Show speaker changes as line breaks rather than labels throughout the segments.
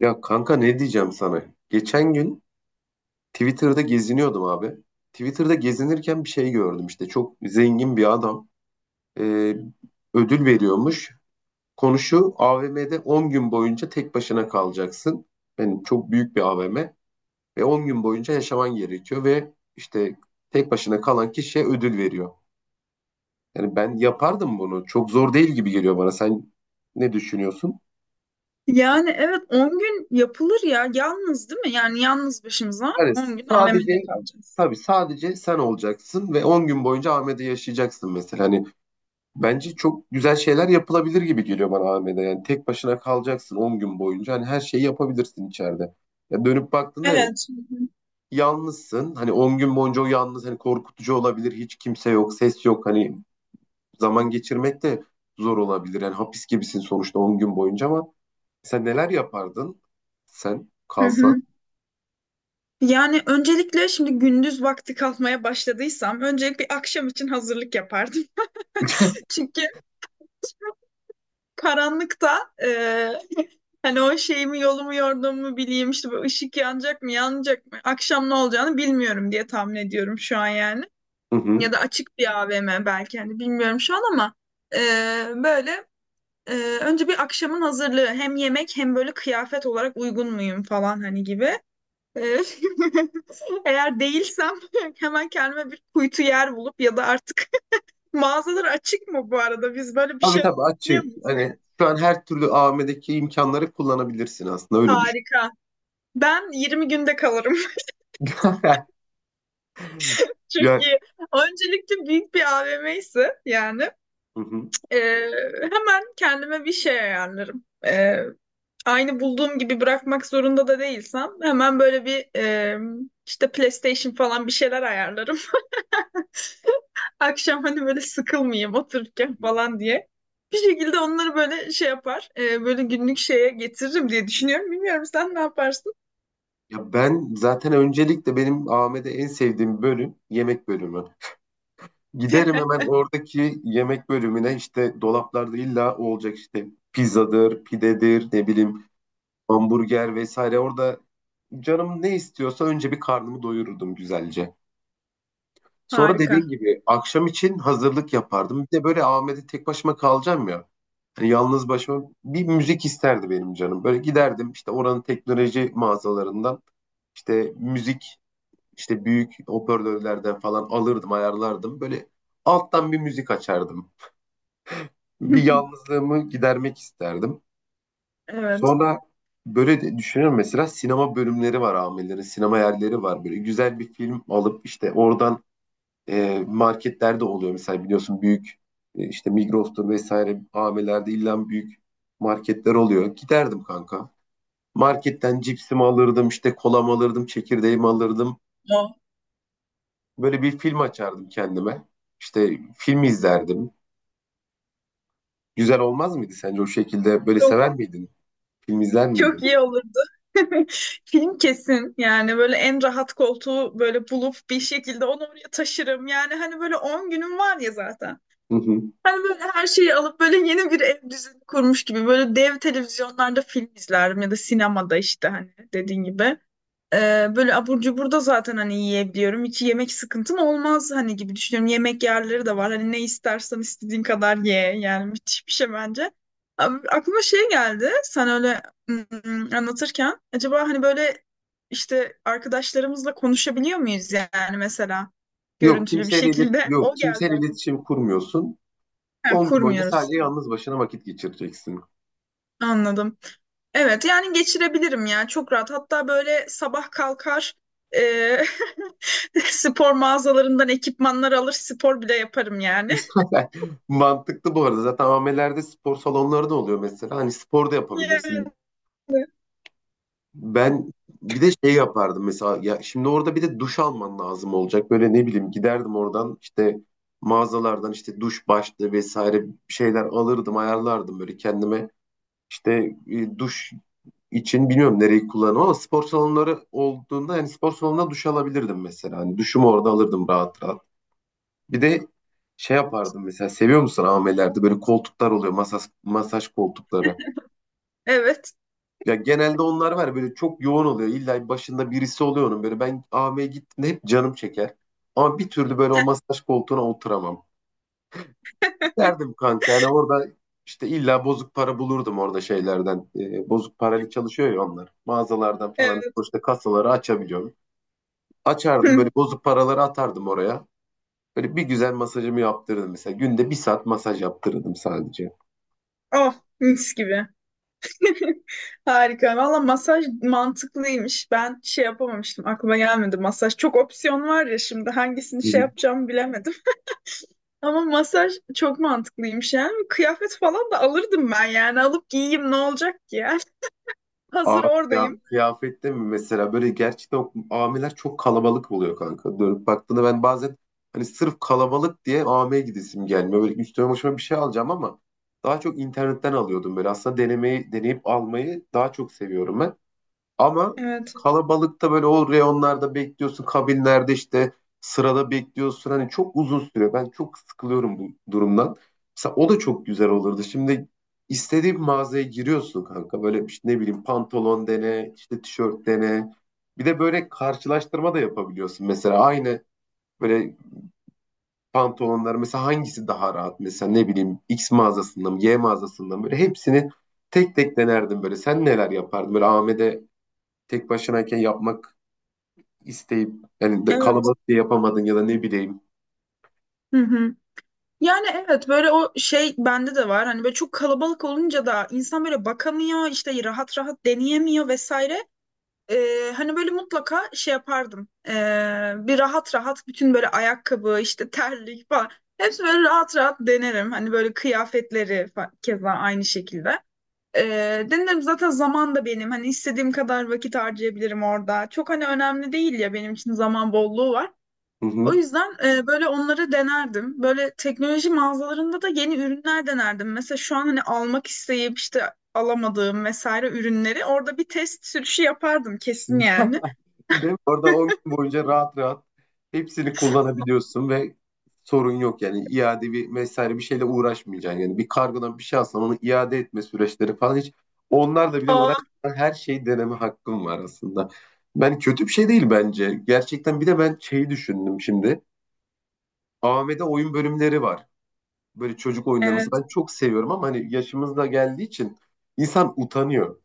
Ya kanka ne diyeceğim sana? Geçen gün Twitter'da geziniyordum abi. Twitter'da gezinirken bir şey gördüm işte. Çok zengin bir adam e, ödül veriyormuş. Konuşu AVM'de 10 gün boyunca tek başına kalacaksın. Yani çok büyük bir AVM ve 10 gün boyunca yaşaman gerekiyor ve işte tek başına kalan kişiye ödül veriyor. Yani ben yapardım bunu. Çok zor değil gibi geliyor bana. Sen ne düşünüyorsun?
Yani evet 10 gün yapılır ya. Yalnız değil mi? Yani yalnız başımıza
Hani
10 gün
sadece
AVM'de kalacağız.
tabii sadece sen olacaksın ve 10 gün boyunca Ahmet'e yaşayacaksın mesela. Hani bence çok güzel şeyler yapılabilir gibi geliyor bana Ahmet'e. Yani tek başına kalacaksın 10 gün boyunca. Hani her şeyi yapabilirsin içeride. Ya dönüp baktığında evet
Evet. Hı hı.
yalnızsın. Hani 10 gün boyunca o yalnız hani korkutucu olabilir. Hiç kimse yok, ses yok. Hani zaman geçirmek de zor olabilir. Yani hapis gibisin sonuçta 10 gün boyunca ama sen neler yapardın? Sen
Hı hı.
kalsan.
Yani öncelikle şimdi gündüz vakti kalkmaya başladıysam öncelik bir akşam için hazırlık yapardım. Çünkü karanlıkta e, hani o şeyimi yolumu yorduğumu bileyim işte bu ışık yanacak mı yanmayacak mı akşam ne olacağını bilmiyorum diye tahmin ediyorum şu an yani.
Hı
Ya
hı.
da açık bir AVM belki hani bilmiyorum şu an ama e, böyle, önce bir akşamın hazırlığı, hem yemek hem böyle kıyafet olarak uygun muyum falan hani gibi. Ee, Eğer değilsem hemen kendime bir kuytu yer bulup, ya da artık mağazalar açık mı bu arada? Biz böyle bir
Tabii
şey
tabii
biliyor
açık.
muyuz?
Hani şu an her türlü AVM'deki imkanları kullanabilirsin aslında öyle düşün.
Harika. Ben 20 günde kalırım.
Ya,
Çünkü öncelikle büyük bir AVM ise yani.
hı hı.
Ee, Hemen kendime bir şey ayarlarım. Aynı bulduğum gibi bırakmak zorunda da değilsem, hemen böyle bir işte PlayStation falan bir şeyler ayarlarım. Akşam hani böyle sıkılmayayım otururken falan diye. Bir şekilde onları böyle şey yapar, böyle günlük şeye getiririm diye düşünüyorum. Bilmiyorum, sen ne yaparsın?
Ya ben zaten öncelikle benim AVM'de en sevdiğim bölüm yemek bölümü. Giderim hemen oradaki yemek bölümüne işte dolaplarda illa o olacak işte pizzadır, pidedir, ne bileyim hamburger vesaire. Orada canım ne istiyorsa önce bir karnımı doyururdum güzelce. Sonra
Harika.
dediğim gibi akşam için hazırlık yapardım. Bir de böyle AVM'de tek başıma kalacağım ya. Yani yalnız başıma bir müzik isterdi benim canım. Böyle giderdim işte oranın teknoloji mağazalarından işte müzik işte büyük hoparlörlerden falan alırdım ayarlardım. Böyle alttan bir müzik açardım. Bir yalnızlığımı gidermek isterdim.
Evet.
Sonra böyle de düşünüyorum mesela sinema bölümleri var amirlerin sinema yerleri var. Böyle güzel bir film alıp işte oradan marketlerde oluyor mesela biliyorsun büyük işte Migros'tur vesaire AVM'lerde illa büyük marketler oluyor. Giderdim kanka. Marketten cipsimi alırdım, işte kolamı alırdım, çekirdeğimi alırdım.
O.
Böyle bir film açardım kendime. İşte film izlerdim. Güzel olmaz mıydı sence o şekilde? Böyle sever miydin? Film izler
Çok iyi
miydin?
olurdu. Film kesin, yani böyle en rahat koltuğu böyle bulup bir şekilde onu oraya taşırım. Yani hani böyle 10 günüm var ya zaten.
Hı hı.
Hani böyle her şeyi alıp böyle yeni bir ev düzeni kurmuş gibi böyle dev televizyonlarda film izlerim, ya da sinemada işte hani dediğin gibi. Böyle abur cubur da zaten hani yiyebiliyorum. Hiç yemek sıkıntım olmaz hani gibi düşünüyorum. Yemek yerleri de var. Hani ne istersen istediğin kadar ye. Yani müthiş bir şey bence. Abi, aklıma şey geldi. Sen öyle anlatırken acaba hani böyle işte arkadaşlarımızla konuşabiliyor muyuz, yani mesela
Yok
görüntülü bir
kimseyle ilet-
şekilde?
yok
O geldi
kimseyle
aklıma.
iletişim kurmuyorsun.
Yani
10 gün boyunca
kurmuyoruz.
sadece yalnız başına vakit geçireceksin.
Tamam, anladım. Evet, yani geçirebilirim ya, çok rahat. Hatta böyle sabah kalkar, e, spor mağazalarından ekipmanlar alır, spor bile yaparım yani.
Zaten mantıklı bu arada. Zaten AVM'lerde spor salonları da oluyor mesela. Hani spor da yapabilirsin.
Yani
Ben bir de şey yapardım mesela. Ya şimdi orada bir de duş alman lazım olacak. Böyle ne bileyim giderdim oradan işte mağazalardan işte duş başlığı vesaire bir şeyler alırdım, ayarlardım böyle kendime. İşte duş için bilmiyorum nereyi kullanırım ama spor salonları olduğunda yani spor salonuna duş alabilirdim mesela. Hani duşumu orada alırdım rahat rahat. Bir de şey yapardım mesela seviyor musun amelerde böyle koltuklar oluyor masaj, masaj koltukları.
evet,
Ya genelde onlar var ya, böyle çok yoğun oluyor. İlla başında birisi oluyor onun böyle ben AM'ye gittiğimde hep canım çeker. Ama bir türlü böyle o masaj koltuğuna oturamam. Derdim kanka yani orada işte illa bozuk para bulurdum orada şeylerden. Bozuk parayla çalışıyor ya onlar. Mağazalardan falan
evet.
işte kasaları açabiliyorum. Açardım böyle bozuk paraları atardım oraya. Böyle bir güzel masajımı yaptırırdım mesela. Günde bir saat masaj yaptırırdım sadece.
Oh, mis gibi. Harika. Valla masaj mantıklıymış. Ben şey yapamamıştım. Aklıma gelmedi masaj. Çok opsiyon var ya, şimdi hangisini şey yapacağımı bilemedim. Ama masaj çok mantıklıymış yani. Kıyafet falan da alırdım ben yani. Alıp giyeyim, ne olacak ki ya?
Aa,
Hazır
ya,
oradayım.
kıyafette mi mesela böyle gerçekten o amiler çok kalabalık oluyor kanka. Dönüp baktığında ben bazen hani sırf kalabalık diye AM'ye gidesim gelmiyor. Böyle üstüme başıma bir şey alacağım ama daha çok internetten alıyordum böyle. Aslında deneyip almayı daha çok seviyorum ben. Ama
Evet.
kalabalıkta böyle o reyonlarda bekliyorsun, kabinlerde işte sırada bekliyorsun. Hani çok uzun sürüyor. Ben çok sıkılıyorum bu durumdan. Mesela o da çok güzel olurdu. Şimdi istediğin mağazaya giriyorsun kanka. Böyle işte ne bileyim pantolon dene, işte tişört dene. Bir de böyle karşılaştırma da yapabiliyorsun. Mesela aynı böyle pantolonlar mesela hangisi daha rahat? Mesela ne bileyim X mağazasından mı, Y mağazasından mı? Böyle hepsini tek tek denerdim böyle. Sen neler yapardın? Böyle Ahmet'e tek başınayken yapmak isteyip yani
Evet.
kalabalık diye yapamadın ya da ne bileyim.
Hı hı. Yani evet, böyle o şey bende de var. Hani böyle çok kalabalık olunca da insan böyle bakamıyor, işte rahat rahat deneyemiyor vesaire. Hani böyle mutlaka şey yapardım. Bir rahat rahat bütün böyle ayakkabı, işte terlik falan. Hepsi böyle rahat rahat denerim. Hani böyle kıyafetleri keza aynı şekilde. Ee, denerim zaten, zaman da benim. Hani istediğim kadar vakit harcayabilirim orada. Çok hani önemli değil ya, benim için zaman bolluğu var.
Hı
O
hı.
yüzden böyle onları denerdim. Böyle teknoloji mağazalarında da yeni ürünler denerdim. Mesela şu an hani almak isteyip işte alamadığım vesaire ürünleri orada bir test sürüşü yapardım kesin yani.
Değil mi? Orada 10 gün boyunca rahat rahat hepsini kullanabiliyorsun ve sorun yok yani iade bir vesaire bir şeyle uğraşmayacaksın. Yani bir kargodan bir şey alsan onu iade etme süreçleri falan hiç onlarla bile
Aa,
uğraşmadan her şeyi deneme hakkım var aslında. Ben kötü bir şey değil bence. Gerçekten bir de ben şeyi düşündüm şimdi. AVM'de oyun bölümleri var. Böyle çocuk oyunları mesela
evet.
ben çok seviyorum ama hani yaşımız da geldiği için insan utanıyor.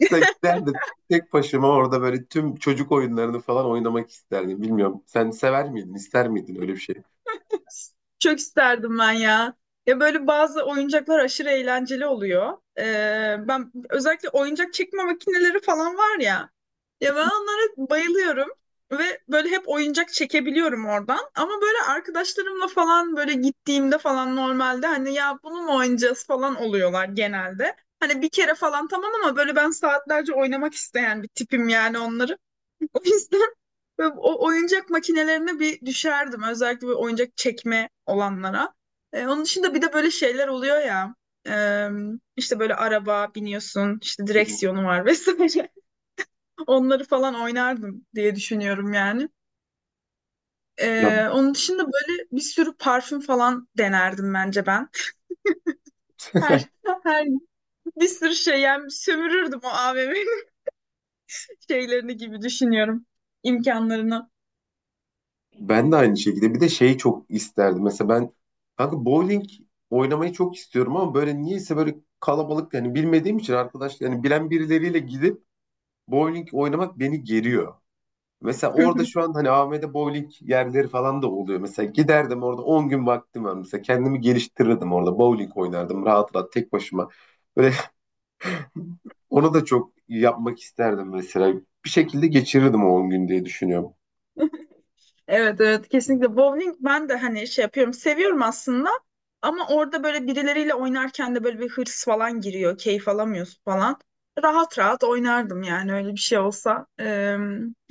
Sen giderdim. Tek başıma orada böyle tüm çocuk oyunlarını falan oynamak isterdim. Bilmiyorum. Sen sever miydin, ister miydin öyle bir şey?
Çok isterdim ben ya. Ya böyle bazı oyuncaklar aşırı eğlenceli oluyor. Ben özellikle oyuncak çekme makineleri falan var ya. Ya ben onlara bayılıyorum. Ve böyle hep oyuncak çekebiliyorum oradan. Ama böyle arkadaşlarımla falan böyle gittiğimde falan normalde hani, ya bunu mu oynayacağız falan oluyorlar genelde. Hani bir kere falan tamam, ama böyle ben saatlerce oynamak isteyen bir tipim yani onları. O yüzden böyle o oyuncak makinelerine bir düşerdim. Özellikle böyle oyuncak çekme olanlara. Onun dışında bir de böyle şeyler oluyor ya. E, işte böyle araba biniyorsun, işte
Hı hı.
direksiyonu var vesaire. Onları falan oynardım diye düşünüyorum yani.
Ya
Onun dışında böyle bir sürü parfüm falan denerdim bence ben. Her, her bir sürü şey yani, sömürürdüm o AVM'yi. Şeylerini gibi düşünüyorum. İmkanlarını.
ben de aynı şekilde. Bir de şeyi çok isterdim. Mesela ben kanka bowling oynamayı çok istiyorum ama böyle niyeyse böyle kalabalık yani bilmediğim için arkadaş yani bilen birileriyle gidip bowling oynamak beni geriyor. Mesela orada şu an hani AVM'de bowling yerleri falan da oluyor. Mesela giderdim orada 10 gün vaktim var. Mesela kendimi geliştirirdim orada. Bowling oynardım rahat rahat tek başıma. Böyle onu da çok yapmak isterdim mesela. Bir şekilde geçirirdim o 10 gün diye düşünüyorum.
Evet, evet, kesinlikle bowling ben de hani şey yapıyorum, seviyorum aslında, ama orada böyle birileriyle oynarken de böyle bir hırs falan giriyor, keyif alamıyorsun falan. Rahat rahat oynardım yani, öyle bir şey olsa.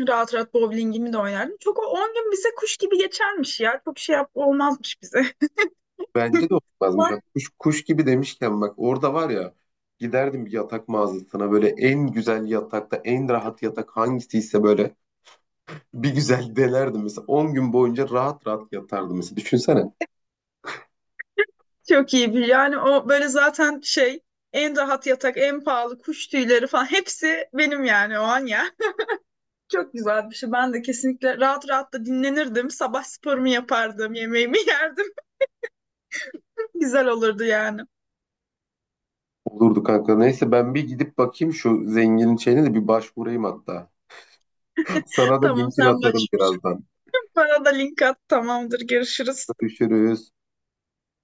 Rahat rahat bowlingimi de oynardım çok, o 10 gün bize kuş gibi geçermiş ya, çok şey yap olmazmış bize.
Bence de olmazmış. Kuş gibi demişken bak orada var ya giderdim bir yatak mağazasına böyle en güzel yatakta en rahat yatak hangisiyse böyle bir güzel delerdim mesela 10 gün boyunca rahat rahat yatardım mesela. Düşünsene.
Çok iyi bir yani, o böyle zaten şey, en rahat yatak, en pahalı kuş tüyleri falan hepsi benim yani o an. Çok güzel bir şey. Ben de kesinlikle rahat rahat da dinlenirdim. Sabah sporumu yapardım, yemeğimi yerdim. Güzel olurdu yani.
Olurdu kanka. Neyse ben bir gidip bakayım şu zenginin şeyine de bir başvurayım hatta. Sana da
Tamam,
linkini
sen
atarım
başvur.
birazdan.
Bana da link at. Tamamdır, görüşürüz.
Görüşürüz.